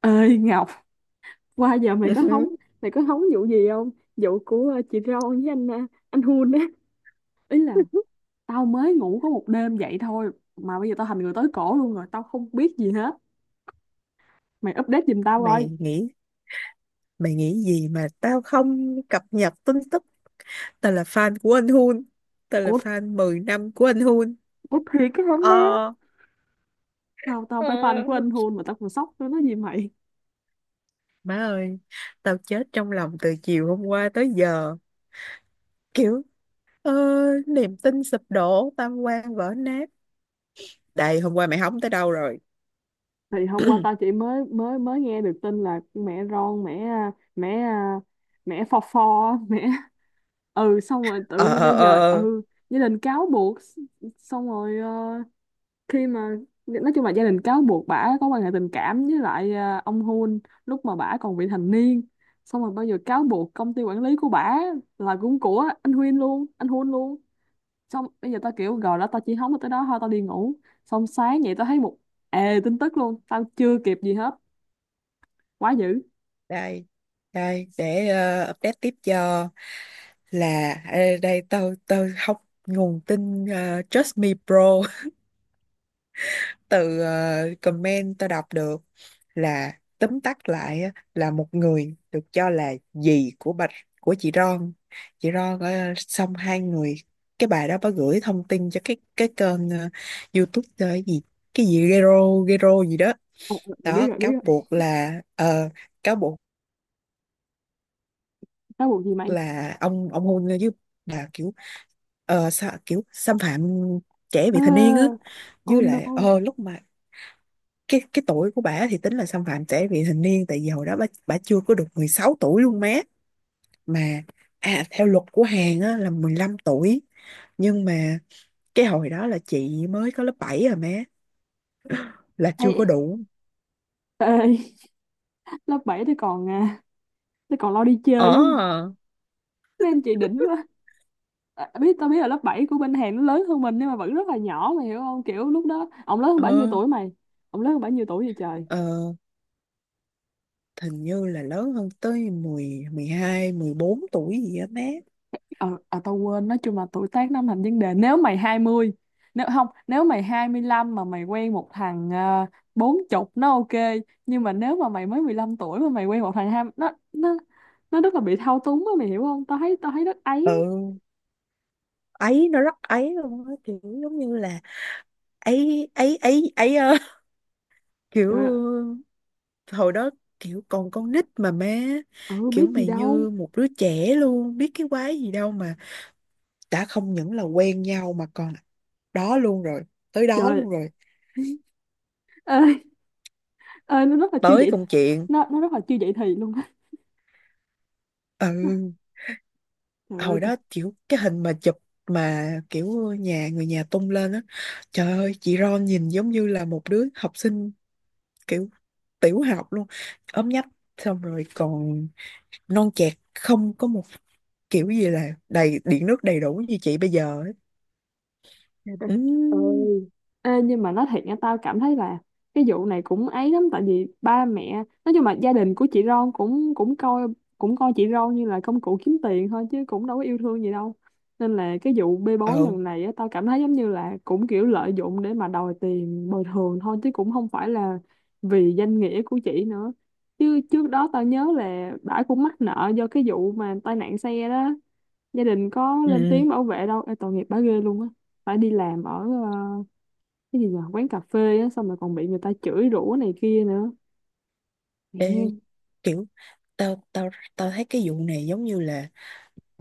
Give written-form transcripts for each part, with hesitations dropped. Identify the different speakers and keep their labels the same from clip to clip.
Speaker 1: Ơi Ngọc, qua giờ
Speaker 2: Ừ hứ.
Speaker 1: mày có hóng vụ gì không? Vụ của chị Ron với anh Hun á. Ý là tao mới ngủ có một đêm vậy thôi mà bây giờ tao thành người tới cổ luôn rồi, tao không biết gì hết. Mày update giùm tao coi.
Speaker 2: mày nghĩ mày nghĩ gì mà tao không cập nhật tin tức? Tao là fan của anh Hun. Tao là
Speaker 1: Ủa,
Speaker 2: fan 10 năm của anh Hun.
Speaker 1: ủa, thiệt cái hóng đó.
Speaker 2: ờ
Speaker 1: Tao tao
Speaker 2: Ờ,
Speaker 1: phải fan của anh Hun mà tao còn sốc nữa, nói gì mày.
Speaker 2: má ơi, tao chết trong lòng từ chiều hôm qua tới giờ, kiểu, ờ, niềm tin sụp đổ, tam quan vỡ nát. Đây, hôm qua mày hóng tới đâu rồi?
Speaker 1: Thì hôm qua tao chỉ mới mới mới nghe được tin là mẹ Ron, mẹ phò phò, mẹ ừ, xong rồi tự
Speaker 2: ờ
Speaker 1: nhiên
Speaker 2: ờ
Speaker 1: bây giờ
Speaker 2: ờ ờ.
Speaker 1: ừ gia đình cáo buộc. Xong rồi khi mà nói chung là gia đình cáo buộc bả có quan hệ tình cảm với lại ông Hun lúc mà bả còn vị thành niên. Xong rồi bây giờ cáo buộc công ty quản lý của bả là cũng của anh Huyên luôn, anh Hun luôn. Xong bây giờ tao kiểu rồi đó, tao chỉ hóng được tới đó thôi, tao đi ngủ. Xong sáng vậy tao thấy một ề tin tức luôn, tao chưa kịp gì hết. Quá dữ.
Speaker 2: Đây, để update tiếp cho. Là đây, tao tao học nguồn tin Trust Me Pro, từ comment tao đọc được, là tóm tắt lại á, là một người được cho là dì của bạch, của chị Ron. Chị Ron xong hai người, cái bà đó bà gửi thông tin cho cái kênh YouTube cái gì, Gero Gero gì đó
Speaker 1: Ờ, ờ, ờ, biết
Speaker 2: đó.
Speaker 1: rồi, biết
Speaker 2: Cáo
Speaker 1: rồi.
Speaker 2: buộc là cáo buộc
Speaker 1: Cáo buộc gì mày?
Speaker 2: là ông hôn với bà, kiểu sao, kiểu xâm phạm trẻ vị thành niên á.
Speaker 1: À, oh
Speaker 2: Với lại
Speaker 1: no.
Speaker 2: lúc mà cái tuổi của bả thì tính là xâm phạm trẻ vị thành niên, tại vì hồi đó bả bả chưa có được 16 tuổi luôn má. Mà à, theo luật của Hàn á, là 15 tuổi, nhưng mà cái hồi đó là chị mới có lớp 7 rồi má, là chưa có
Speaker 1: Ê,
Speaker 2: đủ.
Speaker 1: ê, lớp 7 tôi còn lo đi
Speaker 2: ờ
Speaker 1: chơi chứ. Mấy anh chị đỉnh quá. À, tao biết là lớp 7 của bên Hàn nó lớn hơn mình nhưng mà vẫn rất là nhỏ, mày hiểu không? Kiểu lúc đó
Speaker 2: ờ
Speaker 1: ông lớn hơn bao nhiêu tuổi vậy trời?
Speaker 2: ờ Hình như là lớn hơn tới 10, 12, 14 tuổi gì á má.
Speaker 1: Tao quên, nói chung là tuổi tác nó thành vấn đề nếu mày 20, nếu không nếu mày 25 mà mày quen một thằng bốn chục, nó ok. Nhưng mà nếu mà mày mới 15 tuổi mà mày quen một thằng hai, nó rất là bị thao túng á, mày hiểu không? Tao thấy rất ấy.
Speaker 2: Ừ, ấy nó rất ấy luôn á, kiểu giống như là ấy ấy ấy ấy ơ, kiểu
Speaker 1: Trời ơi,
Speaker 2: hồi đó kiểu còn con nít mà má,
Speaker 1: ừ biết
Speaker 2: kiểu
Speaker 1: gì
Speaker 2: mày
Speaker 1: đâu.
Speaker 2: như một đứa trẻ luôn, biết cái quái gì đâu mà. Đã không những là quen nhau mà còn đó luôn rồi, tới đó
Speaker 1: Trời
Speaker 2: luôn rồi,
Speaker 1: ơi ơi, nó rất là chưa
Speaker 2: tới
Speaker 1: vậy,
Speaker 2: công chuyện.
Speaker 1: nó rất là chưa vậy thì luôn á.
Speaker 2: Ừ,
Speaker 1: Trời ơi
Speaker 2: hồi
Speaker 1: tôi.
Speaker 2: đó kiểu cái hình mà chụp mà kiểu nhà người nhà tung lên á, trời ơi, chị Ron nhìn giống như là một đứa học sinh, kiểu tiểu học luôn, ốm nhách, xong rồi còn non chẹt, không có một kiểu gì là đầy điện nước đầy đủ như chị bây giờ.
Speaker 1: Trời đất
Speaker 2: ừ
Speaker 1: ơi. Ê, nhưng mà nói thiệt nha, tao cảm thấy là cái vụ này cũng ấy lắm, tại vì ba mẹ, nói chung là gia đình của chị Ron cũng cũng coi chị Ron như là công cụ kiếm tiền thôi chứ cũng đâu có yêu thương gì đâu. Nên là cái vụ bê bối
Speaker 2: ừ
Speaker 1: lần này á, tao cảm thấy giống như là cũng kiểu lợi dụng để mà đòi tiền bồi thường thôi chứ cũng không phải là vì danh nghĩa của chị nữa. Chứ trước đó tao nhớ là bả cũng mắc nợ do cái vụ mà tai nạn xe đó, gia đình có lên
Speaker 2: ừ
Speaker 1: tiếng bảo vệ đâu. Ê, tội nghiệp bà ghê luôn á. Phải đi làm ở ờ, cái gì nhỉ, quán cà phê á, xong rồi còn bị người ta chửi rủa này kia nữa.
Speaker 2: Ê,
Speaker 1: Mẹ.
Speaker 2: kiểu tao tao tao thấy cái vụ này giống như là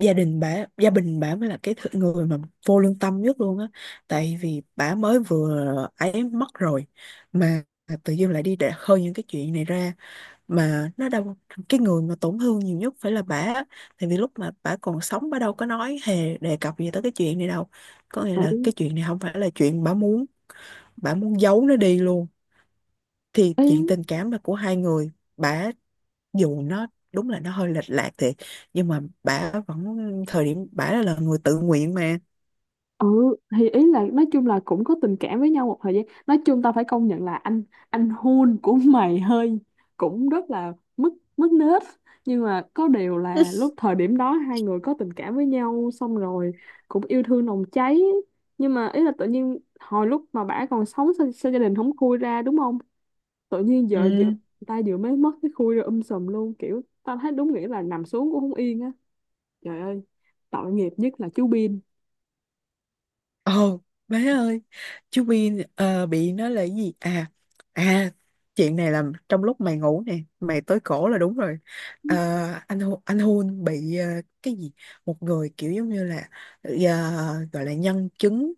Speaker 2: gia đình bả, gia đình bả mới là người mà vô lương tâm nhất luôn á. Tại vì bả mới vừa ấy mất rồi, mà tự dưng lại đi để khơi những cái chuyện này ra. Mà nó đâu, cái người mà tổn thương nhiều nhất phải là bả á. Tại vì lúc mà bả còn sống, bả đâu có nói hề đề cập gì tới cái chuyện này đâu, có nghĩa
Speaker 1: Ừ.
Speaker 2: là cái chuyện này không phải là chuyện bả muốn. Bả muốn giấu nó đi luôn, thì
Speaker 1: Ê,
Speaker 2: chuyện tình cảm là của hai người. Bả dù nó đúng là nó hơi lệch lạc thiệt, nhưng mà bả vẫn, thời điểm bả là người tự nguyện mà.
Speaker 1: ừ thì ý là nói chung là cũng có tình cảm với nhau một thời gian, nói chung tao phải công nhận là anh Hun của mày hơi cũng rất là mất mất nết. Nhưng mà có điều là lúc thời điểm đó hai người có tình cảm với nhau xong rồi cũng yêu thương nồng cháy. Nhưng mà ý là tự nhiên hồi lúc mà bả còn sống sao gia đình không khui ra, đúng không? Tự nhiên giờ
Speaker 2: Ừ.
Speaker 1: người ta vừa mới mất cái khui rồi sùm luôn, kiểu tao thấy đúng nghĩa là nằm xuống cũng không yên á. Trời ơi, tội nghiệp nhất là chú Bin.
Speaker 2: Ồ, má ơi, chú Bin bị nó là cái gì à. À, chuyện này là trong lúc mày ngủ nè, mày tới cổ là đúng rồi. Ờ, anh Hun bị cái gì, một người kiểu giống như là ờ, gọi là nhân chứng,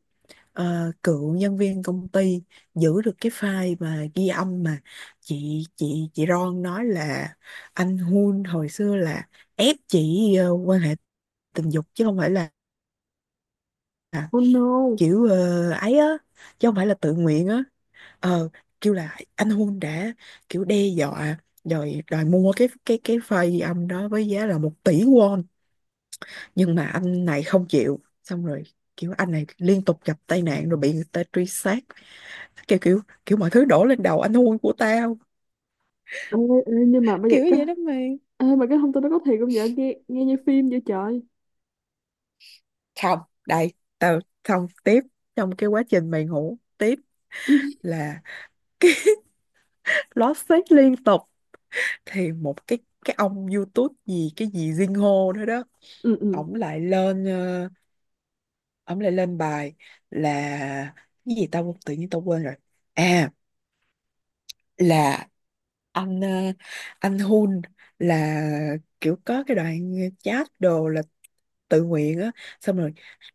Speaker 2: cựu nhân viên công ty, giữ được cái file mà ghi âm mà chị Ron nói là anh Hun hồi xưa là ép chị quan hệ tình dục, chứ không phải là
Speaker 1: Oh no.
Speaker 2: kiểu ấy á, chứ không phải là tự nguyện á. ờ Kêu là anh Hun đã kiểu đe dọa, rồi đòi mua cái file ghi âm đó với giá là 1 tỷ won, nhưng mà anh này không chịu. Xong rồi kiểu anh này liên tục gặp tai nạn, rồi bị người ta truy sát, kiểu kiểu kiểu mọi thứ đổ lên đầu anh hôn của tao,
Speaker 1: Ê, ê, nhưng mà bây giờ
Speaker 2: kiểu vậy đó mày.
Speaker 1: mà cái thông tin đó có thiệt không vậy? Nghe nghe như phim vậy trời.
Speaker 2: Không, đây, tao xong tiếp, trong cái quá trình mày ngủ tiếp là lót xét liên tục. Thì một cái ông YouTube gì, cái gì Jin Ho nữa đó,
Speaker 1: Ừ, ừ.
Speaker 2: ổng lại lên ổng lại lên bài là cái gì, tao tự nhiên tao quên rồi. À, là anh anh Hun là kiểu có cái đoạn chat đồ là tự nguyện á. Xong rồi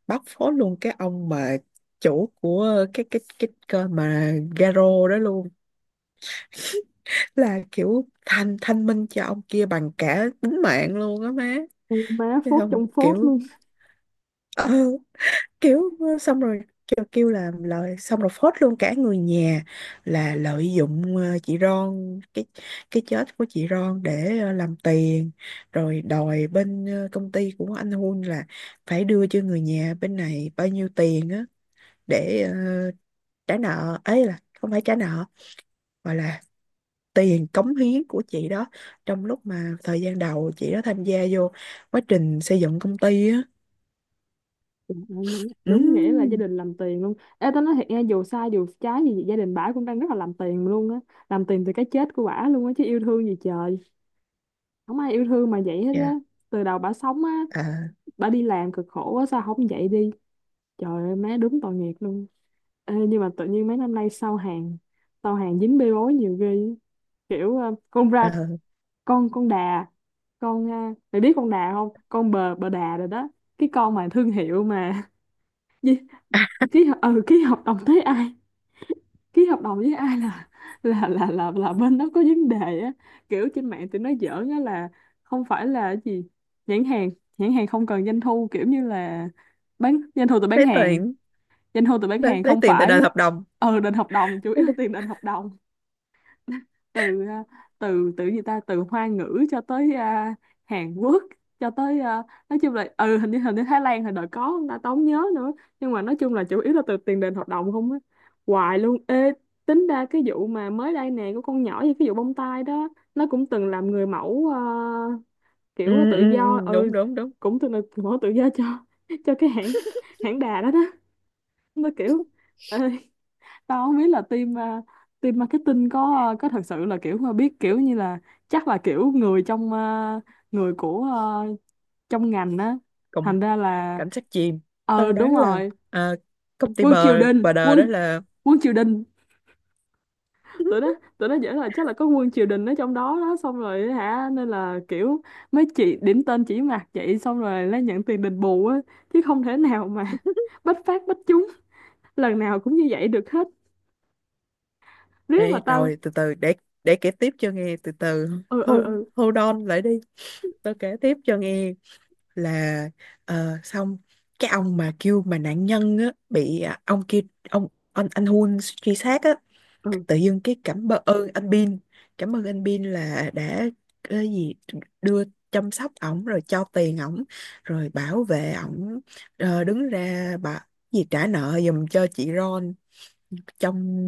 Speaker 2: bóc phốt luôn cái ông mà chủ của cái kênh mà Garo đó luôn, là kiểu thanh, thanh minh cho ông kia bằng cả tính mạng luôn á má.
Speaker 1: Ôi má,
Speaker 2: Thấy
Speaker 1: phốt
Speaker 2: không,
Speaker 1: trong phốt
Speaker 2: kiểu,
Speaker 1: luôn.
Speaker 2: kiểu xong rồi kêu là lời, xong rồi phốt luôn cả người nhà, là lợi dụng chị Ron, cái chết của chị Ron để làm tiền, rồi đòi bên công ty của anh Hun là phải đưa cho người nhà bên này bao nhiêu tiền á, để trả nợ, ấy là không phải trả nợ, mà là tiền cống hiến của chị đó, trong lúc mà thời gian đầu chị đó tham gia vô quá trình xây dựng công ty á.
Speaker 1: Trời ơi, má. Đúng nghĩa là gia
Speaker 2: Ừ.
Speaker 1: đình làm tiền luôn. Ê tao nói thiệt nghe, dù sai dù trái gì gia đình bả cũng đang rất là làm tiền luôn á. Làm tiền từ cái chết của bả luôn á, chứ yêu thương gì trời, không ai yêu thương mà vậy hết á.
Speaker 2: Dạ.
Speaker 1: Từ đầu bả sống á,
Speaker 2: À.
Speaker 1: bả đi làm cực khổ á, sao không vậy đi. Trời ơi má, đúng tội nghiệp luôn. Ê, nhưng mà tự nhiên mấy năm nay sau hàng dính bê bối nhiều ghê á. Kiểu
Speaker 2: À,
Speaker 1: con đà, mày biết con đà không? Con bờ bờ đà rồi đó. Cái con mà thương hiệu mà gì, ký hợp đồng với ai ký hợp đồng với ai là bên đó có vấn đề á. Kiểu trên mạng tụi nó giỡn á là không phải là cái gì, nhãn hàng nhãn hàng không cần doanh thu, kiểu như là doanh thu từ bán
Speaker 2: thấy
Speaker 1: hàng,
Speaker 2: tiền.
Speaker 1: doanh thu từ bán hàng
Speaker 2: Lấy
Speaker 1: không
Speaker 2: tiền từ
Speaker 1: phải,
Speaker 2: đền hợp đồng.
Speaker 1: ừ đền hợp đồng, chủ
Speaker 2: Lấy
Speaker 1: yếu là
Speaker 2: đi.
Speaker 1: tiền đền hợp đồng. Từ à, từ từ gì ta Từ Hoa ngữ cho tới Hàn Quốc, cho tới nói chung là ừ, hình như Thái Lan hồi đợt có ta tốn nhớ nữa. Nhưng mà nói chung là chủ yếu là từ tiền đền hoạt động không á, hoài luôn ê. Tính ra cái vụ mà mới đây nè của con nhỏ như cái vụ bông tai đó, nó cũng từng làm người mẫu kiểu tự do
Speaker 2: Ừ, Đúng
Speaker 1: ừ,
Speaker 2: đúng đúng.
Speaker 1: cũng từng là người mẫu tự do cho cái hãng, hãng đà đó đó. Nó kiểu ờ, tao không biết là team marketing có thật sự là kiểu mà biết kiểu như là chắc là kiểu người trong người của trong ngành á.
Speaker 2: Cùng,
Speaker 1: Thành ra là
Speaker 2: cảnh sát chìm. Tao đoán
Speaker 1: đúng
Speaker 2: là
Speaker 1: rồi,
Speaker 2: à, công ty
Speaker 1: quân
Speaker 2: bờ
Speaker 1: triều đình,
Speaker 2: bờ đờ
Speaker 1: quân
Speaker 2: đó là
Speaker 1: quân triều đình, tụi nó dễ là chắc là có quân triều đình ở trong đó đó, xong rồi hả. Nên là kiểu mấy chị điểm tên chỉ mặt vậy xong rồi nhận tiền đền bù á, chứ không thể nào mà bách phát bách trúng lần nào cũng như vậy được hết, riết mà
Speaker 2: Ê,
Speaker 1: tao.
Speaker 2: rồi từ từ, để kể tiếp cho nghe, từ từ,
Speaker 1: Ừ, ừ,
Speaker 2: hold,
Speaker 1: ừ,
Speaker 2: hold on lại đi, tao kể tiếp cho nghe. Là xong, cái ông mà kêu mà nạn nhân á, bị à, ông kia, ông anh Hun truy sát á,
Speaker 1: ừ,
Speaker 2: tự dưng cái cảm ơn anh Bin, cảm ơn anh Bin là đã cái gì, đưa, chăm sóc ổng rồi cho tiền ổng, rồi bảo vệ ổng, đứng ra bà gì, trả nợ giùm cho chị Ron, trong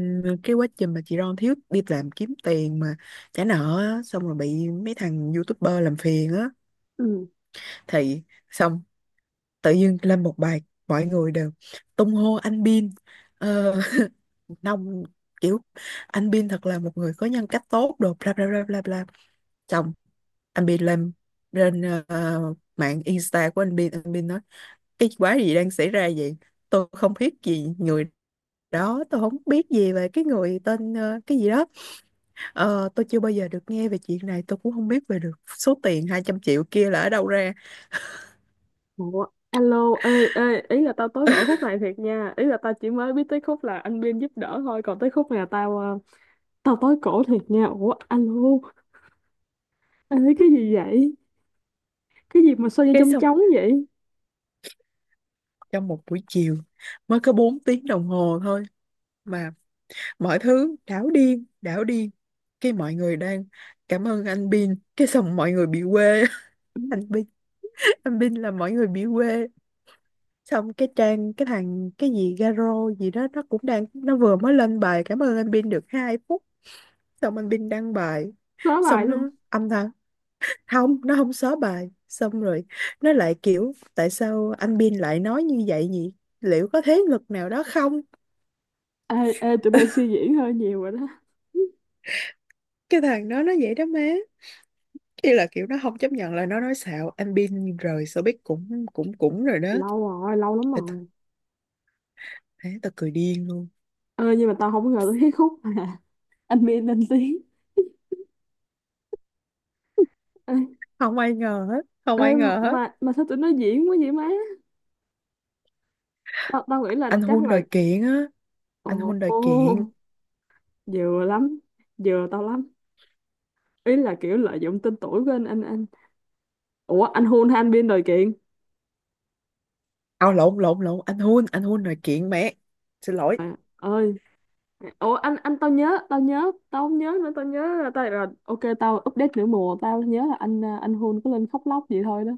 Speaker 2: cái quá trình mà chị Ron thiếu, đi làm kiếm tiền mà trả nợ á, xong rồi bị mấy thằng YouTuber làm phiền á.
Speaker 1: ừ.
Speaker 2: Thì xong tự dưng lên một bài, mọi người đều tung hô anh Bin, ờ, nông kiểu anh Bin thật là một người có nhân cách tốt đồ, bla bla bla bla bla. Chồng, anh Bin lên, lên ờ, mạng Insta của anh Bin, anh Bin nói cái quái gì đang xảy ra vậy, tôi không biết gì người đó, tôi không biết gì về cái người tên cái gì đó. Ờ, tôi chưa bao giờ được nghe về chuyện này, tôi cũng không biết về được số tiền 200 triệu kia là ở đâu ra.
Speaker 1: Ủa, alo, ê, ê, ý là tao tới gọi khúc này thiệt nha. Ý là tao chỉ mới biết tới khúc là anh Biên giúp đỡ thôi. Còn tới khúc này là tao tới cổ thiệt nha. Ủa, alo, ê, cái gì vậy? Cái gì mà sao như
Speaker 2: Cái
Speaker 1: trong
Speaker 2: xong
Speaker 1: trống vậy?
Speaker 2: trong một buổi chiều, mới có 4 tiếng đồng hồ thôi, mà mọi thứ đảo điên đảo điên. Cái mọi người đang cảm ơn anh Bin, cái xong mọi người bị quê. Anh Bin, anh Bin là mọi người bị quê. Xong cái trang, cái thằng cái gì Garo gì đó, nó cũng đang, nó vừa mới lên bài cảm ơn anh Bin được 2 phút, xong anh Bin đăng bài,
Speaker 1: Nói lại
Speaker 2: xong
Speaker 1: luôn.
Speaker 2: nó âm thầm, không, nó không xóa bài, xong rồi nó lại kiểu tại sao anh Bin lại nói như vậy nhỉ, liệu có thế lực nào đó không.
Speaker 1: Ê, ê, tụi bay suy diễn hơi nhiều rồi đó.
Speaker 2: Cái thằng đó nó vậy đó má, ý là kiểu nó không chấp nhận là nó nói xạo. Anh Bin rời showbiz cũng cũng cũng rồi đó.
Speaker 1: Lâu rồi, lâu lắm
Speaker 2: Tao tao,
Speaker 1: rồi.
Speaker 2: ế, tao cười điên luôn.
Speaker 1: Ê, nhưng mà tao không ngờ tới cái khúc mà anh Biên lên tiếng. Ê,
Speaker 2: Không ai ngờ hết, không
Speaker 1: ê,
Speaker 2: ai ngờ hết.
Speaker 1: mà sao tụi nó diễn quá vậy má? Tao nghĩ là
Speaker 2: Anh
Speaker 1: chắc
Speaker 2: Hun
Speaker 1: là,
Speaker 2: đòi kiện á. Anh Hun đòi
Speaker 1: ồ,
Speaker 2: kiện.
Speaker 1: vừa lắm, vừa tao lắm, ý là kiểu lợi dụng tên tuổi của anh, ủa anh hôn han biên rồi kiện.
Speaker 2: À, lộn lộn lộn, anh Hun đòi kiện mẹ, xin lỗi.
Speaker 1: À, ơi, ủa anh, tao nhớ, tao không nhớ nữa, tao nhớ là tao rồi, ok tao update nửa mùa. Tao nhớ là anh hôn có lên khóc lóc vậy thôi đó.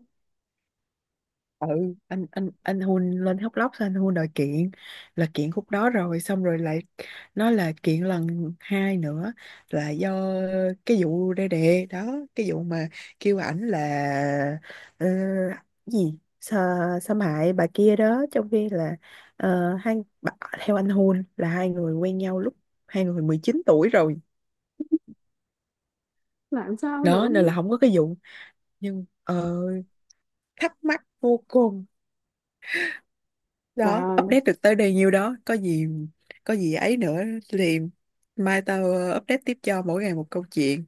Speaker 2: Ừ, anh hun lên khóc lóc xong anh hun đòi kiện, là kiện khúc đó rồi xong rồi lại nói là kiện lần hai nữa, là do cái vụ đê đề đó, cái vụ mà kêu ảnh là ờ, gì, Sa, xâm hại bà kia đó, trong khi là hai bà- theo anh hun là hai người quen nhau lúc hai người 19 tuổi rồi
Speaker 1: Làm sao
Speaker 2: đó,
Speaker 1: nữa
Speaker 2: nên là không có cái vụ. Nhưng thắc mắc vô cùng.
Speaker 1: trời
Speaker 2: Đó,
Speaker 1: ơi.
Speaker 2: update được tới đây nhiêu đó, có gì, có gì ấy nữa thì mai tao update tiếp cho, mỗi ngày một câu chuyện.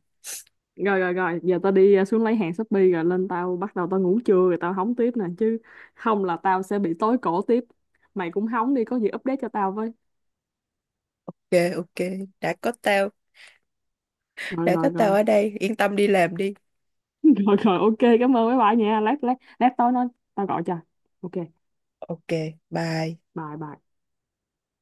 Speaker 1: Rồi rồi rồi, giờ tao đi xuống lấy hàng Shopee rồi lên, tao bắt đầu tao ngủ trưa rồi tao hóng tiếp nè, chứ không là tao sẽ bị tối cổ tiếp. Mày cũng hóng đi, có gì update cho tao với.
Speaker 2: Ok ok, đã có tao,
Speaker 1: Rồi
Speaker 2: đã
Speaker 1: rồi
Speaker 2: có tao
Speaker 1: rồi,
Speaker 2: ở đây, yên tâm đi làm đi.
Speaker 1: rồi rồi, ok cảm ơn mấy bạn nha, lát lát lát tối nói, tao gọi cho. Ok.
Speaker 2: Ok, bye.
Speaker 1: Bye bye.